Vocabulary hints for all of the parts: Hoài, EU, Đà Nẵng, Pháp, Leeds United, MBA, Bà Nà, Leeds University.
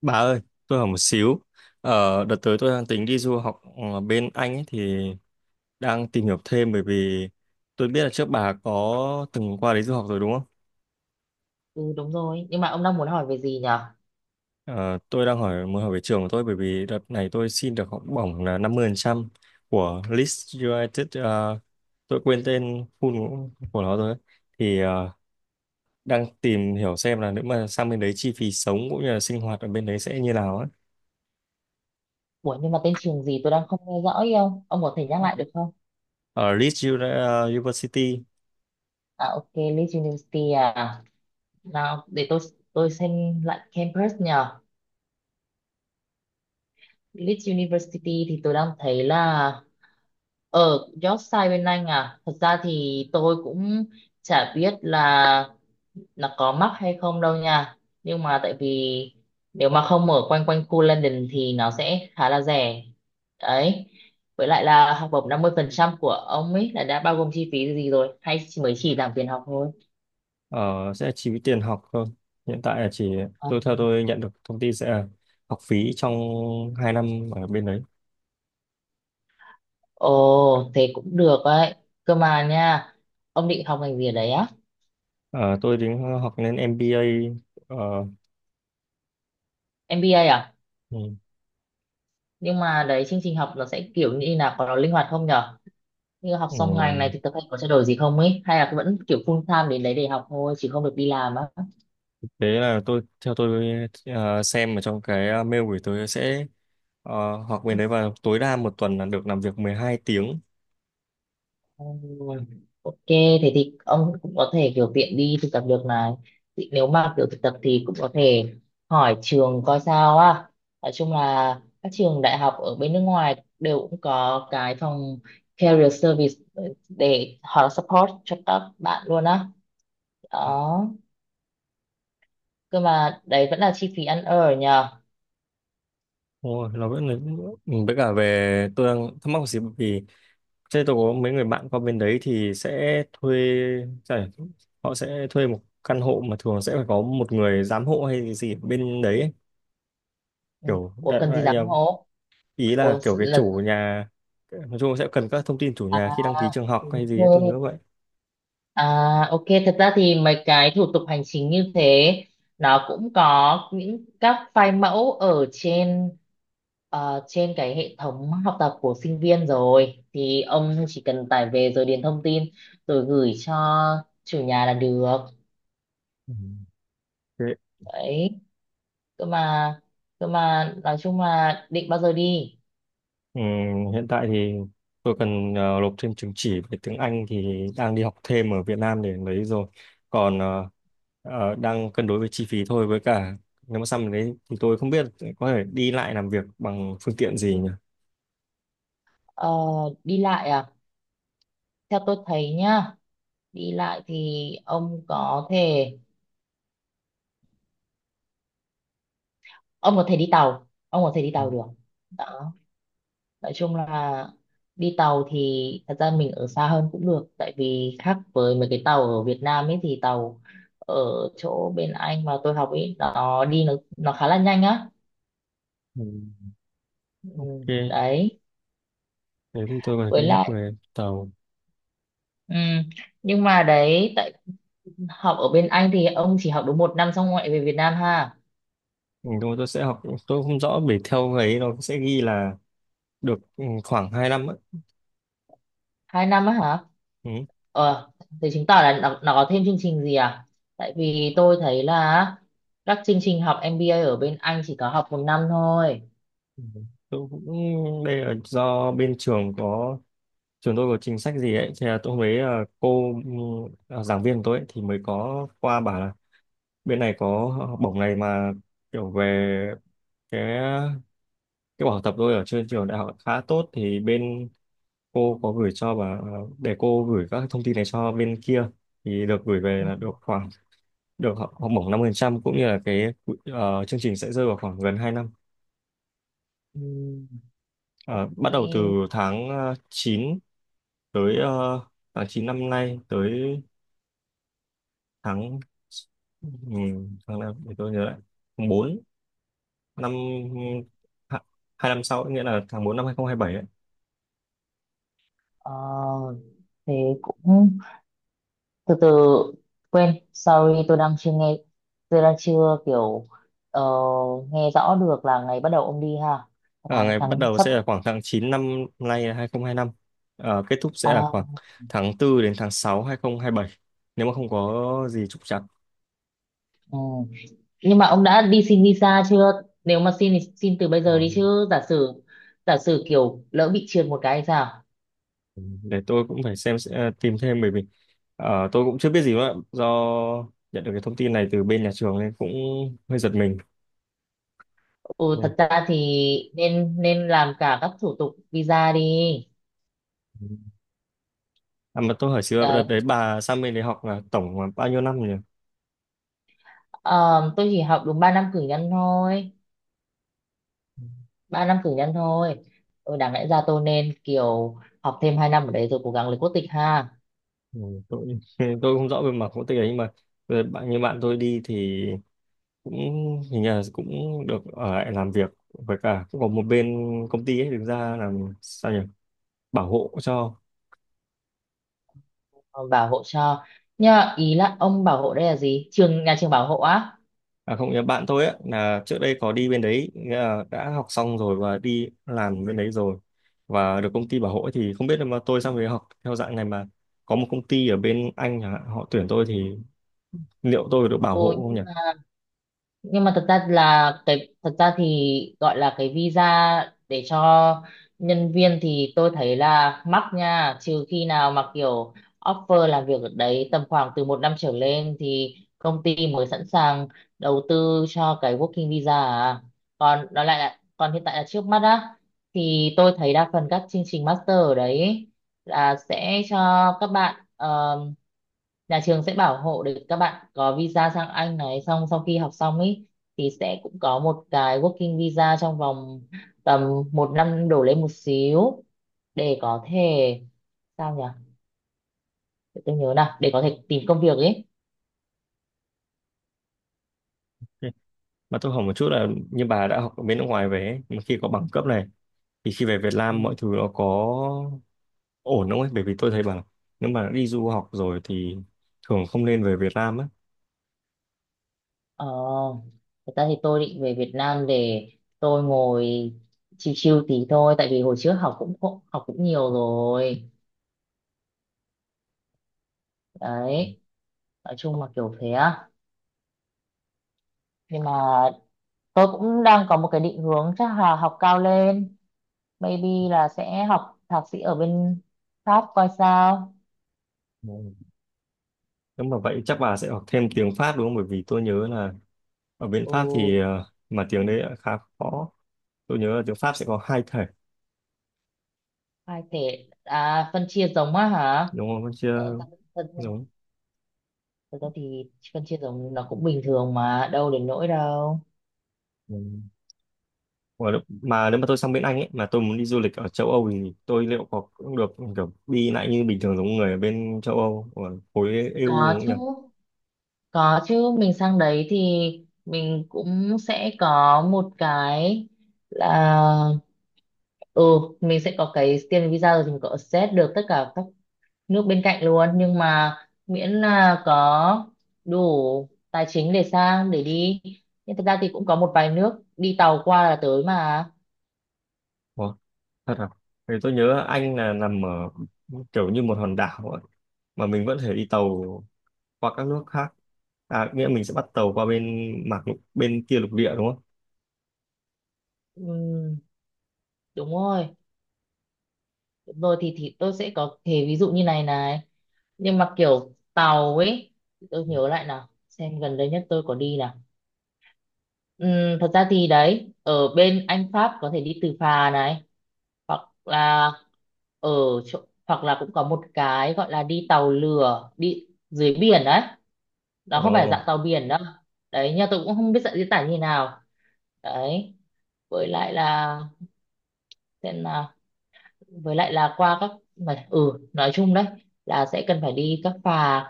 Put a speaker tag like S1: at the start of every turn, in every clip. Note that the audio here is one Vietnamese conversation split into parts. S1: Bà ơi, tôi hỏi một xíu. Ờ, Đợt tới tôi đang tính đi du học ở bên Anh ấy, thì đang tìm hiểu thêm bởi vì tôi biết là trước bà có từng qua đấy du học rồi đúng không?
S2: Ừ, đúng rồi. Nhưng mà ông đang muốn hỏi về gì nhở?
S1: Ờ, tôi đang hỏi Muốn hỏi về trường của tôi bởi vì đợt này tôi xin được học bổng là 50% của Leeds United. Ờ, tôi quên tên full của nó rồi. Ấy. Thì ờ, Đang tìm hiểu xem là nếu mà sang bên đấy chi phí sống cũng như là sinh hoạt ở bên đấy sẽ như nào ấy.
S2: Ủa nhưng mà tên trường gì tôi đang không nghe rõ ý ông. Ông có thể nhắc lại được không?
S1: Ở University.
S2: À, ok, Leeds University à? Nào để tôi xem lại campus nhở. Leeds University thì tôi đang thấy là ở Yorkshire bên Anh à. Thật ra thì tôi cũng chả biết là nó có mắc hay không đâu nha, nhưng mà tại vì nếu mà không ở quanh quanh khu London thì nó sẽ khá là rẻ đấy. Với lại là học bổng 50% của ông ấy là đã bao gồm chi phí gì rồi hay chỉ- mới chỉ giảm tiền học thôi?
S1: Ờ, sẽ chi phí tiền học thôi. Hiện tại là chỉ
S2: Ờ,
S1: tôi theo Tôi nhận được thông tin sẽ là học phí trong 2 năm ở bên đấy.
S2: ồ thế cũng được đấy, cơ mà nha, ông định học ngành gì ở đấy á?
S1: Ờ, tôi đến học lên MBA. Ờ,
S2: MBA à?
S1: ừ,
S2: Nhưng mà đấy chương trình học nó sẽ kiểu như là có nó linh hoạt không nhở, như học
S1: ừ.
S2: xong ngành này thì thực hay có trao đổi gì không ấy, hay là vẫn kiểu full time đến đấy để học thôi chứ không được đi làm á?
S1: Đấy là tôi xem ở trong cái mail gửi tôi sẽ học bên đấy và tối đa một tuần là được làm việc 12 tiếng.
S2: Ôi, ok, thế thì ông cũng có thể kiểu tiện đi thực tập được này. Thì nếu mà kiểu thực tập thì cũng có thể hỏi trường coi sao á. Nói chung là các trường đại học ở bên nước ngoài đều cũng có cái phòng career service để họ support cho các bạn luôn á. Đó. Cơ mà đấy vẫn là chi phí ăn ở nhờ.
S1: Ôi, nó vẫn là, ừ, với cả về tôi đang thắc mắc một xíu bởi vì thế tôi có mấy người bạn qua bên đấy thì sẽ giải- họ sẽ thuê một căn hộ mà thường sẽ phải có một người giám hộ hay gì ở bên đấy ấy.
S2: Ừ.
S1: Kiểu
S2: Ủa
S1: đại
S2: cần gì
S1: loại
S2: dám
S1: là-
S2: hố?
S1: Ý
S2: Ủa
S1: là kiểu cái
S2: là
S1: chủ nhà, nói chung sẽ cần các thông tin chủ
S2: à,
S1: nhà khi đăng ký trường học
S2: đúng
S1: hay gì ấy, tôi
S2: rồi.
S1: nhớ vậy.
S2: À, ok, thật ra thì mấy cái thủ tục hành chính như thế nó cũng có những các file mẫu ở trên trên cái hệ thống học tập của sinh viên rồi, thì ông chỉ cần tải về rồi điền thông tin rồi gửi cho chủ nhà là được.
S1: Ừ.
S2: Đấy, cơ mà cơ mà nói chung là định bao giờ đi?
S1: Ừ, hiện tại thì tôi cần nộp thêm chứng chỉ về tiếng Anh thì đang đi học thêm ở Việt Nam để lấy rồi. Còn ờ, Đang cân đối với chi phí thôi với cả nếu mà xong đấy thì tôi không biết có thể đi lại làm việc bằng phương tiện gì nhỉ.
S2: Ờ, đi lại à? Theo tôi thấy nhá, đi lại thì ông có thể đi tàu, ông có thể đi
S1: Ừ,
S2: tàu được. Đó. Nói chung là đi tàu thì thật ra mình ở xa hơn cũng được, tại vì khác với mấy cái tàu ở Việt Nam ấy thì tàu ở chỗ bên anh mà tôi học ấy nó đi nó khá là nhanh á.
S1: ừ,
S2: Ừ,
S1: Ok,
S2: đấy.
S1: thế thì tôi có thể
S2: Với
S1: cân nhắc
S2: lại
S1: về tàu.
S2: ừ, nhưng mà đấy tại học ở bên anh thì ông chỉ học đúng một năm xong ngoại về Việt Nam ha.
S1: Ừ, nhưng mà tôi sẽ học, tôi không rõ bởi theo ấy nó sẽ ghi là được, khoảng hai năm ấy.
S2: Hai năm á hả?
S1: Ừ.
S2: Ờ, thế chứng tỏ là nó có thêm chương trình gì à? Tại vì tôi thấy là các chương trình học MBA ở bên Anh chỉ có học một năm thôi.
S1: Ừ. Tôi cũng đây là do bên trường có Trường tôi có chính sách gì ấy thì là tôi hôm đấy giảng viên của tôi ấy, thì mới có qua bảo là bên này có học bổng này mà kiểu về cái cái bảo tập tôi ở trên trường đại học khá tốt thì bên cô có gửi cho bà, để cô gửi các thông tin này cho bên kia thì được gửi về
S2: Ừ.
S1: là được khoảng được học học bổng 5% cũng như là cái chương trình sẽ rơi vào khoảng gần 2 năm.
S2: Ừ,
S1: Ờ,
S2: ok.
S1: bắt đầu từ tháng 9 tới tháng 9 năm nay tới tháng ừ, tháng nào để tôi nhớ lại, tháng bốn năm ha- hai năm sau nghĩa là tháng 4 năm 2027 ấy.
S2: Ờ, thế cũng từ từ, quên, sorry tôi đang chưa nghe, tôi đang chưa kiểu ờ, nghe rõ được là ngày bắt đầu ông đi ha.
S1: Ờ,
S2: tháng
S1: ngày bắt
S2: tháng
S1: đầu
S2: sắp
S1: sẽ là khoảng tháng 9 năm nay là 2025. Ờ, kết thúc sẽ là
S2: à,
S1: khoảng tháng tư đến tháng 6, bảy, nếu mà không có gì trục trặc.
S2: ừ. Nhưng mà ông đã đi xin visa chưa? Nếu mà xin thì xin từ bây giờ
S1: Ờ,
S2: đi chứ giả sử, giả sử kiểu lỡ bị trượt một cái thì sao?
S1: để tôi cũng phải xem sẽ tìm thêm bởi vì tôi cũng chưa biết gì nữa do nhận được cái thông tin này từ bên nhà trường nên cũng hơi giật mình.
S2: Ừ, thật ra thì nên nên làm cả các thủ tục visa đi.
S1: Ừ. À, mà tôi hỏi xíu, đợt đấy bà sang bên đấy học là tổng là bao nhiêu năm nhỉ?
S2: Ờ, tôi chỉ học đúng 3 năm cử nhân thôi, 3 năm cử nhân thôi. Ừ, đáng lẽ ra tôi nên kiểu học thêm 2 năm ở đấy rồi cố gắng lấy quốc tịch ha.
S1: Ừ, tôi tôi không rõ về mặt quốc tịch ấy, nhưng mà bạn tôi đi thì cũng hình như là cũng được ở lại làm việc với cả cũng có một bên công ty ấy đứng ra làm sao nhỉ, bảo hộ cho.
S2: Ờ, bảo hộ cho. Nhưng mà ý là ông bảo hộ đây là gì, trường nhà trường bảo hộ á?
S1: À không, nhớ bạn tôi ấy là trước đây có đi bên đấy, nghĩa là đã học xong rồi và đi làm bên đấy rồi và được công ty bảo hộ ấy, thì không biết là mà tôi sang đấy học theo dạng này mà có một công ty ở bên Anh chẳng hạn họ tuyển tôi thì liệu tôi được bảo
S2: Ừ,
S1: hộ không nhỉ?
S2: nhưng mà thật ra là cái thật ra thì gọi là cái visa để cho nhân viên thì tôi thấy là mắc nha, trừ khi nào mà kiểu offer làm việc ở đấy tầm khoảng từ một năm trở lên thì công ty mới sẵn sàng đầu tư cho cái working visa à. Còn đó lại là còn hiện tại là trước mắt á, thì tôi thấy đa phần các chương trình master ở đấy là sẽ cho các bạn, nhà trường sẽ bảo hộ để các bạn có visa sang Anh này, xong sau khi học xong ý thì sẽ cũng có một cái working visa trong vòng tầm một năm đổ lên một xíu để có thể, sao nhỉ, để tôi nhớ nào, để có thể tìm công việc ấy.
S1: Ừ. Mà tôi hỏi một chút là như bà đã học ở bên nước ngoài về ấy, mà khi có bằng cấp này thì khi về Việt Nam mọi thứ
S2: Ừ.
S1: nó có ổn không ấy? Bởi vì tôi thấy bảo nếu mà đi du học rồi thì thường không nên về Việt Nam ấy.
S2: Ờ, thật ra thì tôi định về Việt Nam để tôi ngồi chill chill tí thôi, tại vì hồi trước học cũng, học cũng nhiều rồi đấy. Nói chung là kiểu thế á. Nhưng mà tôi cũng đang có một cái định hướng chắc là học cao lên, maybe là sẽ học thạc sĩ ở bên Pháp coi sao.
S1: Ừ. Nếu mà vậy chắc bà sẽ học thêm tiếng Pháp đúng không? Bởi vì tôi nhớ là ở bên
S2: Ừ.
S1: Pháp thì mà tiếng đấy lại khá khó. Tôi nhớ là tiếng Pháp sẽ có hai thể
S2: Hai thể à, phân chia giống á hả?
S1: đúng không?
S2: Ờ,
S1: Chưa,
S2: phân, phân,
S1: giống.
S2: thực ra thì phân chia giống nó cũng bình thường mà đâu đến nỗi đâu.
S1: Mà nếu mà tôi sang bên Anh ấy mà tôi muốn đi du lịch ở châu Âu thì tôi liệu có cũng được kiểu đi lại như bình thường giống người ở bên châu Âu ở khối EU
S2: có
S1: đúng không
S2: chứ
S1: nhỉ?
S2: có chứ mình sang đấy thì mình cũng sẽ có một cái là, ừ, mình sẽ có cái student visa rồi thì mình có access được tất cả các nước bên cạnh luôn, nhưng mà miễn là có đủ tài chính để sang để đi. Nhưng thực ra thì cũng có một vài nước đi tàu qua là tới mà.
S1: Ủa, thật à? Thì tôi nhớ Anh là nằm ở kiểu như một hòn đảo ấy, mà mình vẫn thể đi tàu qua các nước khác. À, nghĩa mình sẽ bắt tàu qua bên kia lục địa đúng không?
S2: Ừm, đúng rồi, đúng rồi, thì tôi sẽ có thể ví dụ như này này, nhưng mà kiểu tàu ấy, tôi nhớ lại nào xem gần đây nhất tôi có đi nào. Thật ra thì đấy ở bên Anh Pháp có thể đi từ phà này hoặc là ở chỗ, hoặc là cũng có một cái gọi là đi tàu lửa đi dưới biển đấy, nó không phải
S1: Ồ,
S2: dạng tàu biển đâu. Đấy, nhưng tôi cũng không biết dạng diễn tả như nào. Đấy, với lại là, xem nào, với lại là qua các mà ừ, nói chung đấy là sẽ cần phải đi các phà,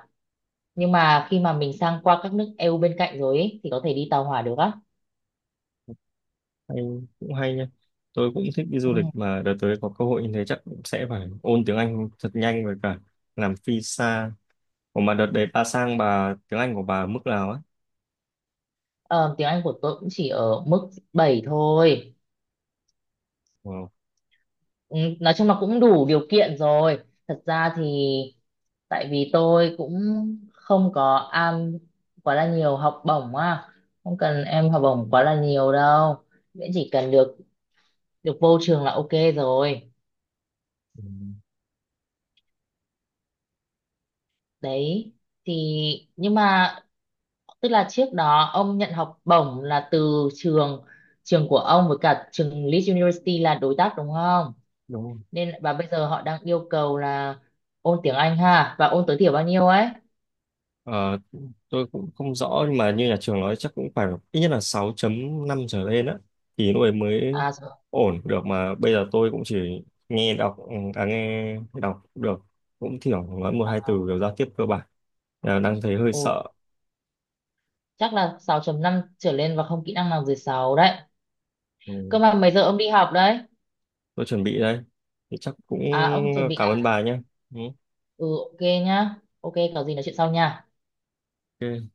S2: nhưng mà khi mà mình sang qua các nước EU bên cạnh rồi ấy, thì có thể đi tàu hỏa được á.
S1: hay, cũng hay nha. Tôi cũng thích đi
S2: Ừ.
S1: du lịch mà đợt tới có cơ hội như thế chắc cũng sẽ phải ôn tiếng Anh thật nhanh với cả làm visa. Ủa mà đợt đấy bà sang bà tiếng Anh của bà ở mức nào ấy?
S2: Ờ, tiếng Anh của tôi cũng chỉ ở mức 7 thôi.
S1: Wow.
S2: Ừ, nói chung là cũng đủ điều kiện rồi. Thật ra thì tại vì tôi cũng không có am quá là nhiều học bổng á, không cần em học bổng quá là nhiều đâu. Miễn chỉ cần được được vô trường là ok rồi.
S1: Ừ,
S2: Đấy thì, nhưng mà tức là trước đó ông nhận học bổng là từ trường, trường của ông với cả trường Leeds University là đối tác đúng không?
S1: đúng rồi.
S2: Nên và bây giờ họ đang yêu cầu là ôn tiếng Anh ha, và ôn tối thiểu bao nhiêu ấy?
S1: Ờ, tôi cũng không rõ nhưng mà như nhà trường nói chắc cũng phải ít nhất là sáu chấm năm trở lên á, thì lúc ấy mới
S2: À rồi.
S1: ổn được mà bây giờ tôi cũng chỉ nghe đọc được, cũng thiểu nói một hai từ
S2: À,
S1: kiểu giao tiếp cơ bản. Là đang thấy hơi
S2: ồ,
S1: sợ.
S2: chắc là sáu chấm năm trở lên và không kỹ năng nào dưới 6 đấy.
S1: Ừ,
S2: Cơ mà mấy giờ ông đi học đấy?
S1: tôi chuẩn bị đây thì chắc cũng
S2: À, ông chuẩn bị
S1: cảm ơn
S2: à?
S1: bà nhé. Ừ,
S2: Ừ, ok nhá. Ok, có gì nói chuyện sau nha.
S1: ok.